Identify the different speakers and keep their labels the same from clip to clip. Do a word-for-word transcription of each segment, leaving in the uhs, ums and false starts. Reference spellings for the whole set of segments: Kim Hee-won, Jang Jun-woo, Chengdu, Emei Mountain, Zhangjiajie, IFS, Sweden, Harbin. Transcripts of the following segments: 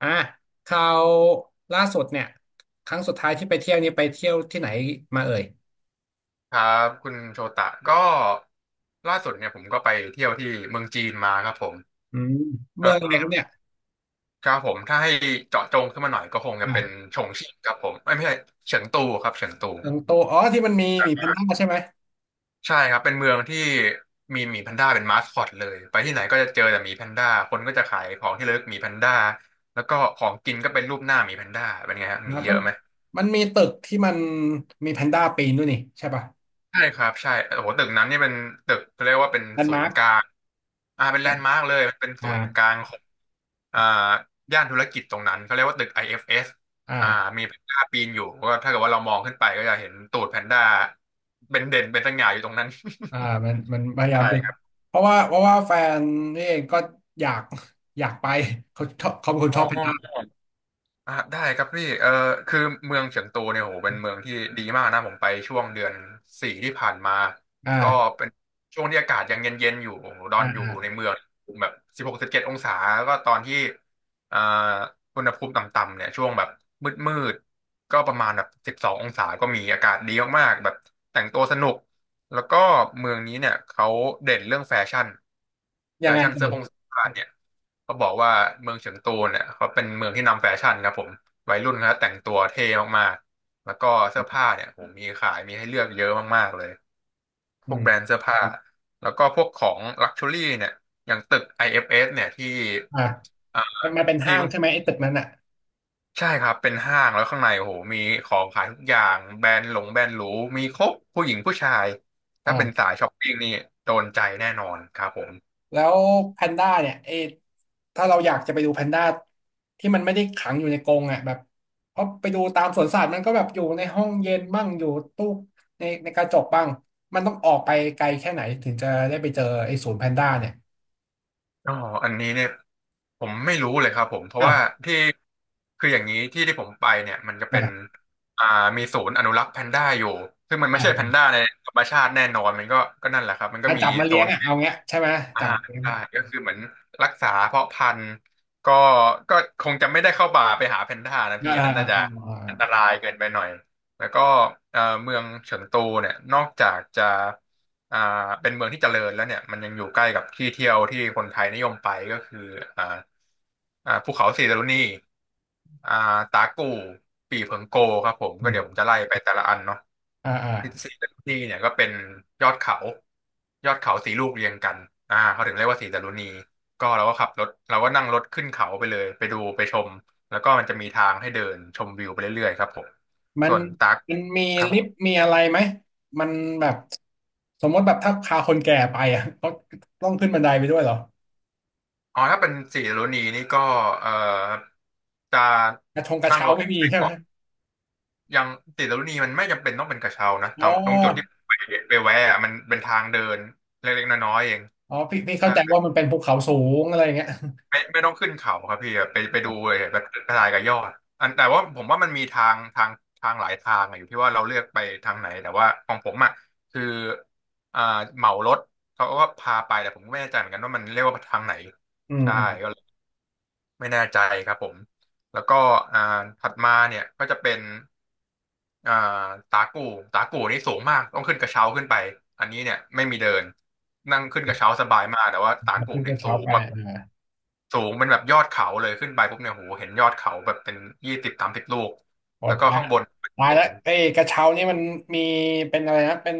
Speaker 1: อ่ะคราวล่าสุดเนี่ยครั้งสุดท้ายที่ไปเที่ยวนี่ไปเที่ยวที่ไหนมาเอ่ย
Speaker 2: ครับคุณโชตะก็ล่าสุดเนี่ยผมก็ไปเที่ยวที่เมืองจีนมาครับผม
Speaker 1: อืมเมืองอะ
Speaker 2: เออ
Speaker 1: ไรครับเนี่ย
Speaker 2: ครับผมถ้าให้เจาะจงขึ้นมาหน่อยก็คงจะเป็น
Speaker 1: อ่ะ
Speaker 2: ชงชิ่งครับผมเอ้ยไม่ใช่เฉิงตูครับเฉิงตู
Speaker 1: เชิงโตอ๋อที่มันมีหมีแพนด้าใช่ไหม
Speaker 2: ใช่ครับเป็นเมืองที่มีหมีแพนด้าเป็นมาสคอตเลยไปที่ไหนก็จะเจอแต่หมีแพนด้าคนก็จะขายของที่ระลึกหมีแพนด้าแล้วก็ของกินก็เป็นรูปหน้าหมีแพนด้าเป็นไงฮะหมี
Speaker 1: อ่ะ
Speaker 2: เย
Speaker 1: มัน
Speaker 2: อะไหม
Speaker 1: มันมีตึกที่มันมีแพนด้าปีนด้วยนี่ใช่ป่ะ
Speaker 2: ใช่ครับใช่โอ้โหตึกนั้นนี่เป็นตึกเขาเรียกว่าเป็น
Speaker 1: แลนด์
Speaker 2: ศู
Speaker 1: มา
Speaker 2: น
Speaker 1: ร์ค
Speaker 2: ย์กลางอ่าเป็นแลนด์มาร์กเลยมันเป็นศูนย์กลา
Speaker 1: อ่า
Speaker 2: งของอ่าย่านธุรกิจตรงนั้นเขาเรียกว่าตึก ไอ เอฟ เอส อเอฟเอสอ่า
Speaker 1: อ่า
Speaker 2: มีแพนด้าปีนอยู่ก็ถ้าเกิดว่าเรามองขึ้นไปก็จะเห็นตูดแพนด้าเป็นเด่นเป็นสง่าอยู่ตรงนั้น
Speaker 1: อ่ามันมันพ ยายาม
Speaker 2: ใช่
Speaker 1: ไป
Speaker 2: ครับ
Speaker 1: เพราะว่าเพราะว่าแฟนนี่เองก็อยากอยากไปเขาชอบเขาเป็นคน
Speaker 2: อ๋
Speaker 1: ชอบแพนด้า
Speaker 2: อ อ่ะได้ครับพี่เออคือเมืองเฉิงตูเนี่ยโหเป็นเมืองที่ดีมากนะผมไปช่วงเดือนสี่ที่ผ่านมาก็
Speaker 1: อ่า
Speaker 2: เป็นช่วงที่อากาศยังเย็นๆอยู่โอ้โหดอ
Speaker 1: อ่า
Speaker 2: นอยู่ใน
Speaker 1: อ่า
Speaker 2: เมืองแบบสิบหกสิบเจ็ดองศาแล้วก็ตอนที่อ่าอุณหภูมิต่ำๆเนี่ยช่วงแบบมืดๆก็ประมาณแบบสิบสององศาก็มีอากาศดีมากๆแบบแต่งตัวสนุกแล้วก็เมืองนี้เนี่ยเขาเด่นเรื่องแฟชั่น
Speaker 1: ยั
Speaker 2: แฟ
Speaker 1: งไง
Speaker 2: ชั่น
Speaker 1: เอ่
Speaker 2: เสื้อผง
Speaker 1: ย
Speaker 2: เสื้อผ้าเนี่ย เขาบอกว่าเมืองเฉิงตูเนี่ยเขาเป็นเมืองที่นำแฟชั่นครับผมวัยรุ่นเขาแต่งตัวเท่มากๆแล้วก็เสื้อผ้าเนี่ยผมมีขายมีให้เลือกเยอะมากๆเลยพ
Speaker 1: อื
Speaker 2: วกแบร
Speaker 1: ม
Speaker 2: นด์เสื้อผ้าแล้วก็พวกของลักชัวรี่เนี่ยอย่างตึก ไอ เอฟ เอส เอฟเอสเนี่ยที่
Speaker 1: อ่า
Speaker 2: เอ่อ
Speaker 1: มันมัน
Speaker 2: ที
Speaker 1: เป็น
Speaker 2: ่
Speaker 1: ห้าง
Speaker 2: เพิ่
Speaker 1: ใช่ไหม
Speaker 2: ง
Speaker 1: ไอ้ตึกนั้นอ่ะ
Speaker 2: ใช่ครับเป็นห้างแล้วข้างในโอ้โหมีของขายทุกอย่างแบรนด์หลงแบรนด์หรูมีครบผู้หญิงผู้ชายถ้าเป็น
Speaker 1: อ่า
Speaker 2: สายช้อปปิ้งนี่โดนใจแน่นอนครับผม
Speaker 1: แล้วแพนด้าเนี่ยเอถ้าเราอยากจะไปดูแพนด้าที่มันไม่ได้ขังอยู่ในกรงอ่ะแบบเพราะไปดูตามสวนสัตว์มันก็แบบอยู่ในห้องเย็นบ้างอยู่ตู้ในในกระจกบ้างมันต้องออกไปไกลแค่ไหนถึงจะได้ไปเจอไอ้ศูนย์แพนด้าเนี่ย
Speaker 2: อ๋ออันนี้เนี่ยผมไม่รู้เลยครับผมเพราะ
Speaker 1: อ้าว
Speaker 2: ว่าที่คืออย่างนี้ที่ที่ผมไปเนี่ยมันจะเป็น
Speaker 1: อ่า
Speaker 2: อ่ามีศูนย์อนุรักษ์แพนด้าอยู่ซึ่งมัน
Speaker 1: อ่
Speaker 2: ไม่ใช่แพน
Speaker 1: า
Speaker 2: ด้าในธรรมชาติแน่นอนมันก็ก็นั่นแหละครับมันก็
Speaker 1: ถ้า
Speaker 2: มี
Speaker 1: จับมา
Speaker 2: โซ
Speaker 1: เลี้ยง
Speaker 2: น
Speaker 1: อ่ะเอาเงี้ยใช่ไหม
Speaker 2: อ่า
Speaker 1: จับมาเลี้ยง
Speaker 2: ใช่ก็คือเหมือนรักษาเพาะพันธุ์ก็ก็คงจะไม่ได้เข้าป่าไปหาแพนด้านะ
Speaker 1: อ่า
Speaker 2: พี่อัน
Speaker 1: อ่า
Speaker 2: นั้น
Speaker 1: อ่า
Speaker 2: น่าจะอันต
Speaker 1: อ่า
Speaker 2: รายเกินไปหน่อยแล้วก็เอ่อเมืองเฉิงตูเนี่ยนอกจากจะอ่าเป็นเมืองที่เจริญแล้วเนี่ยมันยังอยู่ใกล้กับที่เที่ยวที่คนไทยนิยมไปก็คืออ่าอ่าภูเขาสีดารุณีอ่าตากู่ปี่เผิงโกครับผม
Speaker 1: อื
Speaker 2: ก็
Speaker 1: ม
Speaker 2: เดี๋ยวผมจะไล่ไปแต่ละอันเนาะ
Speaker 1: อ่าอ่า
Speaker 2: สีดารุณีเนี่ยก็เป็นยอดเขายอดเขาสีลูกเรียงกันอ่าเขาถึงเรียกว่าสีดารุณีก็เราก็ขับรถเราก็นั่งรถขึ้นเขาไปเลยไปดูไปชมแล้วก็มันจะมีทางให้เดินชมวิวไปเรื่อยๆครับผม
Speaker 1: มั
Speaker 2: ส่
Speaker 1: น
Speaker 2: วนตัก
Speaker 1: มันมี
Speaker 2: ครับ
Speaker 1: ลิฟต์มีอะไรไหมมันแบบสมมติแบบถ้าพาคนแก่ไปอ่ะก็ต้องขึ้นบันไดไปด้วยเหรอ
Speaker 2: อ๋อถ้าเป็นสีดารุณีนี่ก็เอ่อจะ
Speaker 1: กระชงกระ
Speaker 2: นั่ง
Speaker 1: เช้า
Speaker 2: รถ
Speaker 1: ไม่มี
Speaker 2: ไป
Speaker 1: ใช่ไหม
Speaker 2: เกาะยังสีดรุนีมันไม่จำเป็นต้องเป็นกระเช้านะแต่
Speaker 1: อ๋อ
Speaker 2: ตรงจุดที่ไปไปแวะอะมันเป็นทางเดินเล็กๆน้อยๆเอง
Speaker 1: อ๋อพี่พี่เข้าใจว่ามันเป็นภูเขาสูงอะไรอย่างเงี้ย
Speaker 2: ไม่ไม่ต้องขึ้นเขาครับพี่ไปไปดูเลยแบบกระจายกับยอดอันแต่ว่าผมว่ามันมีทางทางทางหลายทางอะอยู่ที่ว่าเราเลือกไปทางไหนแต่ว่าของผมอ่ะคืออ่าเหมารถเขาก็พาไปแต่ผมก็ไม่แน่ใจเหมือนกันว่ามันเรียกว่าทางไหน
Speaker 1: อืม
Speaker 2: ใช่
Speaker 1: อืม
Speaker 2: ก็เลยไม่แน่ใจครับผมแล้วก็อ่าถัดมาเนี่ยก็จะเป็นอ่าตากูตากูนี่สูงมากต้องขึ้นกระเช้าขึ้นไปอันนี้เนี่ยไม่มีเดินนั่งขึ้นกระเช้าสบายมากแต่ว่าตากู
Speaker 1: ขึ้นก
Speaker 2: เนี่ย
Speaker 1: ระ
Speaker 2: สู
Speaker 1: เช้า
Speaker 2: ง
Speaker 1: ไป
Speaker 2: แบบ
Speaker 1: อ่า
Speaker 2: สูงเป็นแบบยอดเขาเลยขึ้นไปปุ๊บเนี่ยโหเห็นยอดเขาแบบเป็นยี่สิบสามสิบลูก
Speaker 1: พอ
Speaker 2: แล้วก็
Speaker 1: ตาย
Speaker 2: ข้างบน
Speaker 1: ตาย
Speaker 2: เป็
Speaker 1: แล้
Speaker 2: น
Speaker 1: วเอ้ยกระเช้านี่มันมีเป็นอะไรนะเป็น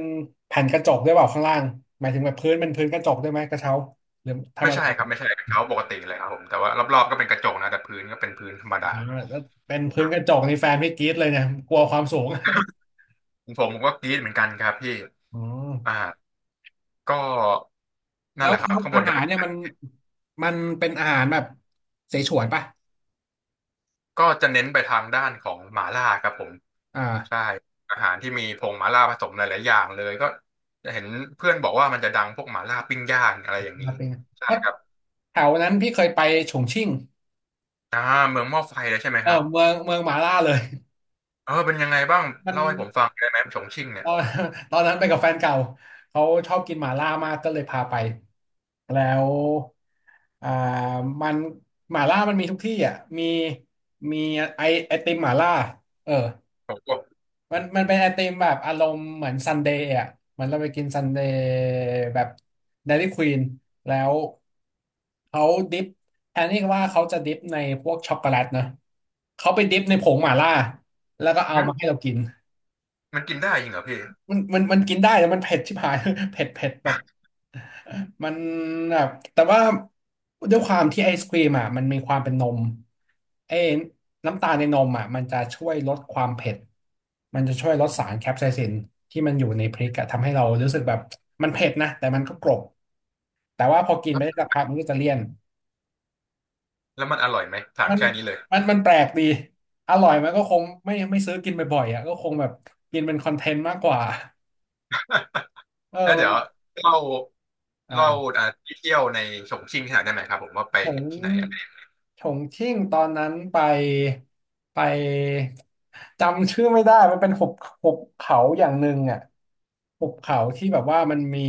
Speaker 1: แผ่นกระจกด้วยเปล่าข้างล่างหมายถึงแบบพื้นเป็นพื้นกระจกด้วยไหมกระเช้าหรือธรร
Speaker 2: ไม่
Speaker 1: ม
Speaker 2: ใช่
Speaker 1: ดา
Speaker 2: ครับไม่ใช่เป็นเขาปกติเลยครับผมแต่ว่ารอบๆก็เป็นกระจกนะแต่พื้นก็เป็นพื้นธรรม
Speaker 1: อ๋อ
Speaker 2: ดา
Speaker 1: แล้วเป็นพื้นกระจกนี่แฟนพี่กรี๊ดเลยเนี่ยกลัวความสูง
Speaker 2: ผมผมก็กรี๊ดเหมือนกันครับพี่
Speaker 1: อ๋อ
Speaker 2: อ่าก็
Speaker 1: แล้
Speaker 2: นั่นแห
Speaker 1: ว
Speaker 2: ละครับ
Speaker 1: แล้ว
Speaker 2: ข้างบ
Speaker 1: อา
Speaker 2: นจะ
Speaker 1: หาร
Speaker 2: เป็น
Speaker 1: เนี่ยมันมันเป็นอาหารแบบเสฉวนป่ะ
Speaker 2: ก็จะเน้นไปทางด้านของหม่าล่าครับผมใช่
Speaker 1: อ่า
Speaker 2: อาหารที่มีผงหม่าล่าผสมหลายๆอย่างเลยก็จะเห็นเพื่อนบอกว่ามันจะดังพวกหม่าล่าปิ้งย่างอะไรอย่างนี้
Speaker 1: มาเป็นไง
Speaker 2: ใช่
Speaker 1: เพราะ
Speaker 2: ครับ
Speaker 1: แถวนั้นพี่เคยไปฉงชิ่ง
Speaker 2: อ่าเมืองหม้อไฟแล้วใช่ไหม
Speaker 1: เออ
Speaker 2: ครับ
Speaker 1: เมืองเมืองหมาล่าเลย
Speaker 2: เออเป็นยังไงบ้าง
Speaker 1: มัน
Speaker 2: เล่าให้ผมฟังได้ไหมฉงชิ่ง
Speaker 1: ต
Speaker 2: เนี่ย
Speaker 1: อน ตอนนั้นไปกับแฟนเก่าเขาชอบกินหมาล่ามากก็เลยพาไปแล้วอ่ามันหมาล่ามันมีทุกที่อ่ะมีมีไอไอติมหมาล่าเออ
Speaker 2: ผมก็
Speaker 1: มันมันเป็นไอติมแบบอารมณ์เหมือนซันเดย์อ่ะเหมันเราไปกินซันเดย์แบบเดลี่ควีนแล้วเขาดิฟแทนที่ว่าเขาจะดิฟในพวกช็อกโกแลตนะเขาไปดิฟในผงหมาล่าแล้วก็เอา
Speaker 2: หึ
Speaker 1: มาให้เรากิน
Speaker 2: มันกินได้จริงเหรอพี่
Speaker 1: มันมันมันกินได้แต่มันเผ็ดชิบหาย เผ็ดเผ็ดแบบมันแบบแต่ว่าด้วยความที่ไอศครีมอ่ะมันมีความเป็นนมไอ้น้ำตาลในนมอ่ะมันจะช่วยลดความเผ็ดมันจะช่วยลดสารแคปไซซินที่มันอยู่ในพริกอะทำให้เรารู้สึกแบบมันเผ็ดนะแต่มันก็กรอบแต่ว่าพอกิน
Speaker 2: แล้
Speaker 1: ไป
Speaker 2: ว
Speaker 1: ได้สักพักมันก็จะเลี่ยน
Speaker 2: แล้วมันอร่อยไหมถาม
Speaker 1: มัน
Speaker 2: แค่นี้เลย
Speaker 1: มันมันแปลกดีอร่อยมันก็คงไม่ไม่ซื้อกินบ่อยๆอ่ะก็คงแบบกินเป็นคอนเทนต์มากกว่าเออ
Speaker 2: แล้ว
Speaker 1: มั
Speaker 2: เดี๋
Speaker 1: น
Speaker 2: ยว
Speaker 1: มัน
Speaker 2: เล่า
Speaker 1: อ่า
Speaker 2: เล่าอ่าที่เที่ยวในฉงชิ่งให้หน่อยได้ไหมครับผมว่าไป
Speaker 1: ฉง
Speaker 2: ที่ไหนอะไร
Speaker 1: ฉงชิ่งตอนนั้นไปไปจำชื่อไม่ได้มันเป็นหุบหุบเขาอย่างหนึ่งอ่ะหุบเขาที่แบบว่ามันมี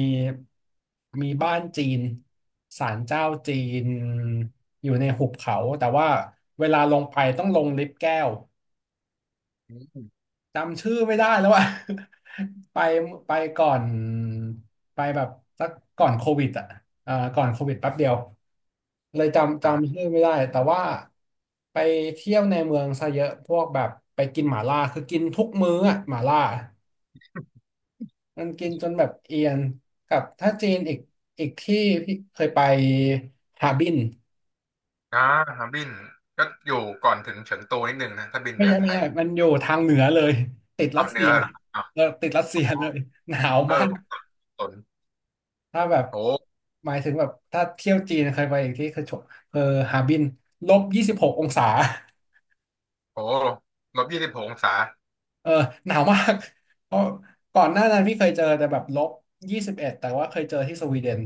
Speaker 1: มีบ้านจีนศาลเจ้าจีนอยู่ในหุบเขาแต่ว่าเวลาลงไปต้องลงลิฟต์แก้ว
Speaker 2: อืม
Speaker 1: จำชื่อไม่ได้แล้วอะ ไปไปก่อนไปแบบสักก่อนโควิดอะเอ่อก่อนโควิดแป๊บเดียวเลยจำ
Speaker 2: อ่
Speaker 1: จำ
Speaker 2: า
Speaker 1: ชื่อไม่ได้แต่ว่าไปเที่ยวในเมืองซะเยอะพวกแบบไปกินหม่าล่าคือกินทุกมื้ออะหม่าล่ามันกินจนแบบเอียนกับถ้าจีนอีกอีกที่พี่เคยไปฮาร์บิน
Speaker 2: อ่าครับบินก็อยู่ก่อนถึงเฉิงตูนิดนึงนะถ้าบินไป
Speaker 1: ไม่ใช่
Speaker 2: จากไท
Speaker 1: ไม่ใช่
Speaker 2: ย
Speaker 1: มันอยู่ทางเหนือเลยติดรั
Speaker 2: เอา
Speaker 1: ส
Speaker 2: เห
Speaker 1: เซี
Speaker 2: นือ
Speaker 1: ย
Speaker 2: เหรออ่ะ
Speaker 1: เออติดรัสเซียเลยหนาว
Speaker 2: เออ
Speaker 1: มาก
Speaker 2: ผมสับสน
Speaker 1: ถ้าแบบ
Speaker 2: โอ้
Speaker 1: หมายถึงแบบถ้าเที่ยวจีนเคยไปอีกที่คือชเออฮาร์บินลบยี่สิบหกองศา
Speaker 2: โหลบยี่สิบหกองศา
Speaker 1: เออหนาวมาก เพราะก่อนหน้านั้นพี่เคยเจอแต่แบบลบยี่สิบเอ็ดแต่ว่าเคยเจอที่สวีเดน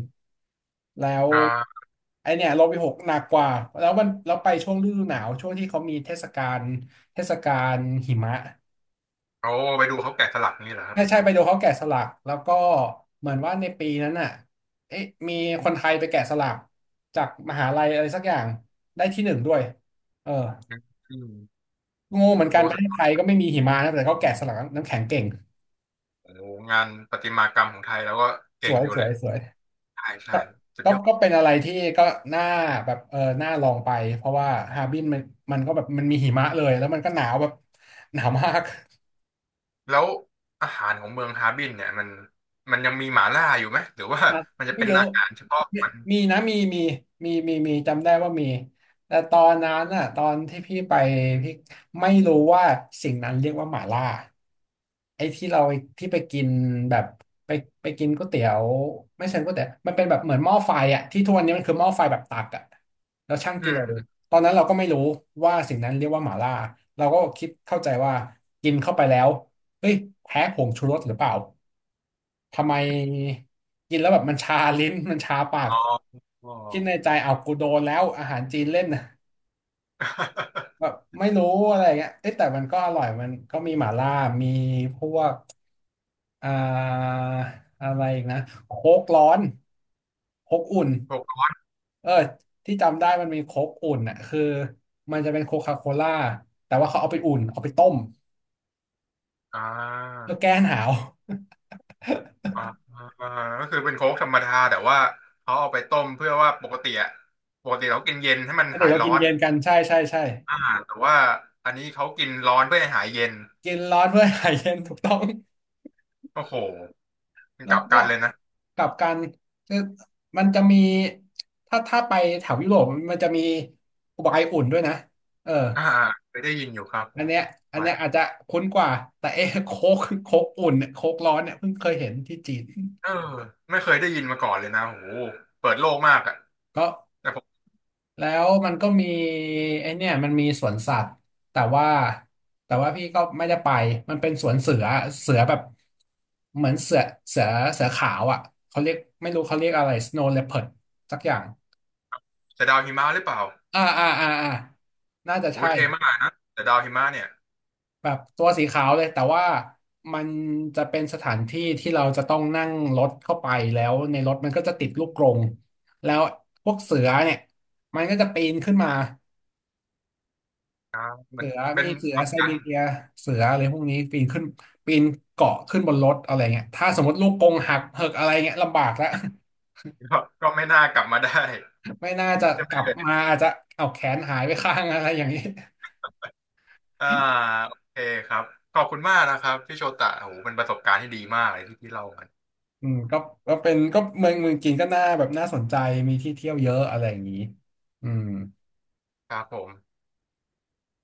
Speaker 1: แล้ว
Speaker 2: อ่า
Speaker 1: ไอเนี่ยลบไปหกหนักกว่าแล้วมันแล้วไปช่วงฤดูหนาวช่วงที่เขามีเทศกาลเทศกาลหิมะ
Speaker 2: โอ้ไปดูเขาแกะสลักนี่เหรอครั
Speaker 1: ใช่
Speaker 2: บ
Speaker 1: ใช่ไปดูเขาแกะสลักแล้วก็เหมือนว่าในปีนั้นน่ะเอ๊ะมีคนไทยไปแกะสลักจากมหาลัยอะไรสักอย่างได้ที่หนึ่งด้วยเออ
Speaker 2: อืม
Speaker 1: งงเหมือนกันประเทศ
Speaker 2: โอ้
Speaker 1: ไทยก็ไม่มีหิมะนะแต่เขาแกะสลักน้ำแข็งเก่ง
Speaker 2: โอ้โหงานประติมากรรมของไทยแล้วก็
Speaker 1: ส
Speaker 2: เก่ง
Speaker 1: วย
Speaker 2: อยู่
Speaker 1: ส
Speaker 2: แห
Speaker 1: ว
Speaker 2: ละ
Speaker 1: ยสวย
Speaker 2: ใช่ใช่
Speaker 1: ก็
Speaker 2: สุด
Speaker 1: ก็
Speaker 2: ยอด
Speaker 1: ก็เป็นอะไรที่ก็น่าแบบเออน่าลองไปเพราะว่าฮาร์บินมันมันก็แบบมันมีหิมะเลยแล้วมันก็หนาวแบบหนาวมาก
Speaker 2: แล้วอาหารของเมืองฮาร์บินเนี่ยมันมันยังมีหม่าล่าอยู่ไหมหรือว่า
Speaker 1: ครับ
Speaker 2: มันจะ
Speaker 1: ไม่
Speaker 2: เป็น
Speaker 1: เยอะ
Speaker 2: อาหารเฉพาะ
Speaker 1: เนี่ยมีนะ มี มี มี มี มี จำได้ว่ามี แต่ตอนนั้นน่ะตอนที่พี่ไปพี่ไม่รู้ว่าสิ่งนั้นเรียกว่าหม่าล่า ไอ้ที่เราที่ไปกินแบบไปไปกินก๋วยเตี๋ยวไม่เช่ก๋วยเตี๋ยวมันเป็นแบบเหมือนหม้อไฟอ่ะที่ทุกวันนี้มันคือหม้อไฟแบบตักอ่ะแล้วชั่ง
Speaker 2: อื
Speaker 1: กิโล
Speaker 2: ม
Speaker 1: ตอนนั้นเราก็ไม่รู้ว่าสิ่งนั้นเรียกว่าหม่าล่าเราก็คิดเข้าใจว่ากินเข้าไปแล้วเฮ้ยแพ้ผงชูรสหรือเปล่าทำไมกินแล้วแบบมันชาลิ้น มันชาปาก
Speaker 2: อ๋อ อ๋อ
Speaker 1: คิดในใจเอากูโดนแล้วอาหารจีนเล่น นะแบบไม่รู้อะไรเงี้ยเอ้ยแต่มันก็อร่อยมันก็มีหม่าล่ามีพวก อ่าอะไรอีกนะโค้กร้อนโค้กอุ่น
Speaker 2: พวก
Speaker 1: เออที่จำได้มันมีโค้กอุ่นอ่ะคือมันจะเป็นโคคาโคล่าแต่ว่าเขาเอาไปอุ่นเอาไปต้ม
Speaker 2: อ่า
Speaker 1: แล้วแก้หนาว
Speaker 2: อ่าอ่าก็คือเป็นโค้กธรรมดาแต่ว่าเขาเอาไปต้มเพื่อว่าปกติอะปกติเรากินเย็นให้
Speaker 1: ป
Speaker 2: มัน
Speaker 1: กติ
Speaker 2: หาย
Speaker 1: เรา
Speaker 2: ร้
Speaker 1: กิ
Speaker 2: อ
Speaker 1: น
Speaker 2: น
Speaker 1: เย็นกันใช่ใช่ใช่
Speaker 2: อ่าแต่ว่าอันนี้เขากินร้อนเพื่อให้หายเย็น
Speaker 1: กินร้อนเพื่อหายเย็นถูกต้อง
Speaker 2: โอ้โหมัน
Speaker 1: แล้
Speaker 2: ก
Speaker 1: ว
Speaker 2: ลับ
Speaker 1: ก็
Speaker 2: กันเลยนะ
Speaker 1: กลับกันคือมันจะมีถ้าถ้าไปแถวยุโรปมันจะมีไวน์อุ่นด้วยนะเออ
Speaker 2: อ่าเคยได้ยินอยู่ครับผ
Speaker 1: อัน
Speaker 2: ม
Speaker 1: เนี้ยอัน
Speaker 2: ไว้
Speaker 1: เนี้ยอาจจะคุ้นกว่า แต่เอ๊ะโค้กโค้กอุ่นเนี่ยโค้กร้อนเนี่ยเพิ่งเคยเห็นที่จีน
Speaker 2: เออไม่เคยได้ยินมาก่อนเลยนะโอ้โหเปิดโลกมากอ่ะ
Speaker 1: ก็
Speaker 2: แต่ผม
Speaker 1: แล้วมันก็มีไอเนี่ยมันมีสวนสัตว์แต่ว่าแต่ว่าพี่ก็ไม่ได้ไป มันเป็นสวนเสือเสือแบบเหมือนเสือเสือเสือขาวอ่ะเขาเรียกไม่รู้เขาเรียกอะไร สโนว์ เลพเพิร์ด สักอย่าง
Speaker 2: แต่ดาวหิมะหรือเปล่า
Speaker 1: อ่าอ่าอ่าอ่าน่าจะ
Speaker 2: โอ้
Speaker 1: ใช่
Speaker 2: ยเท่มากนะแต่ดาวหิมะเนี่ย
Speaker 1: แบบตัวสีขาวเลยแต่ว่ามันจะเป็นสถานที่ที่เราจะต้องนั่งรถเข้าไปแล้วในรถมันก็จะติดลูกกรงแล้วพวกเสือเนี่ยมันก็จะปีนขึ้นมา
Speaker 2: อ่ามั
Speaker 1: เสื
Speaker 2: น
Speaker 1: อ
Speaker 2: เป็
Speaker 1: มี
Speaker 2: น
Speaker 1: เสือ
Speaker 2: กลับ
Speaker 1: ไซ
Speaker 2: กัน
Speaker 1: บีเรียเสืออะไรพวกนี้ปีนขึ้นปีนเกาะขึ้นบนรถอะไรเงี้ยถ้าสมมติลูกกรงหักเหิกอะไรเงี้ยลำบากแล้ว
Speaker 2: ก็ก็ไม่น่ากลับมาได้
Speaker 1: ไม่น่าจะกลับมาอาจจะเอาแขนหายไปข้างอะไรอย่างนี้
Speaker 2: อ่าโอเคครับขอบคุณมากนะครับพี่โชตะโอ้โหเป็นประสบการณ์ที่ดีมากเลยที่พี่เล่ามัน
Speaker 1: อืมก็ก็เป็นก็เมืองเมืองจีนก็น่าแบบน่าสนใจมีที่เที่ยวเยอะอะไรอย่างนี้อืม
Speaker 2: ครับผม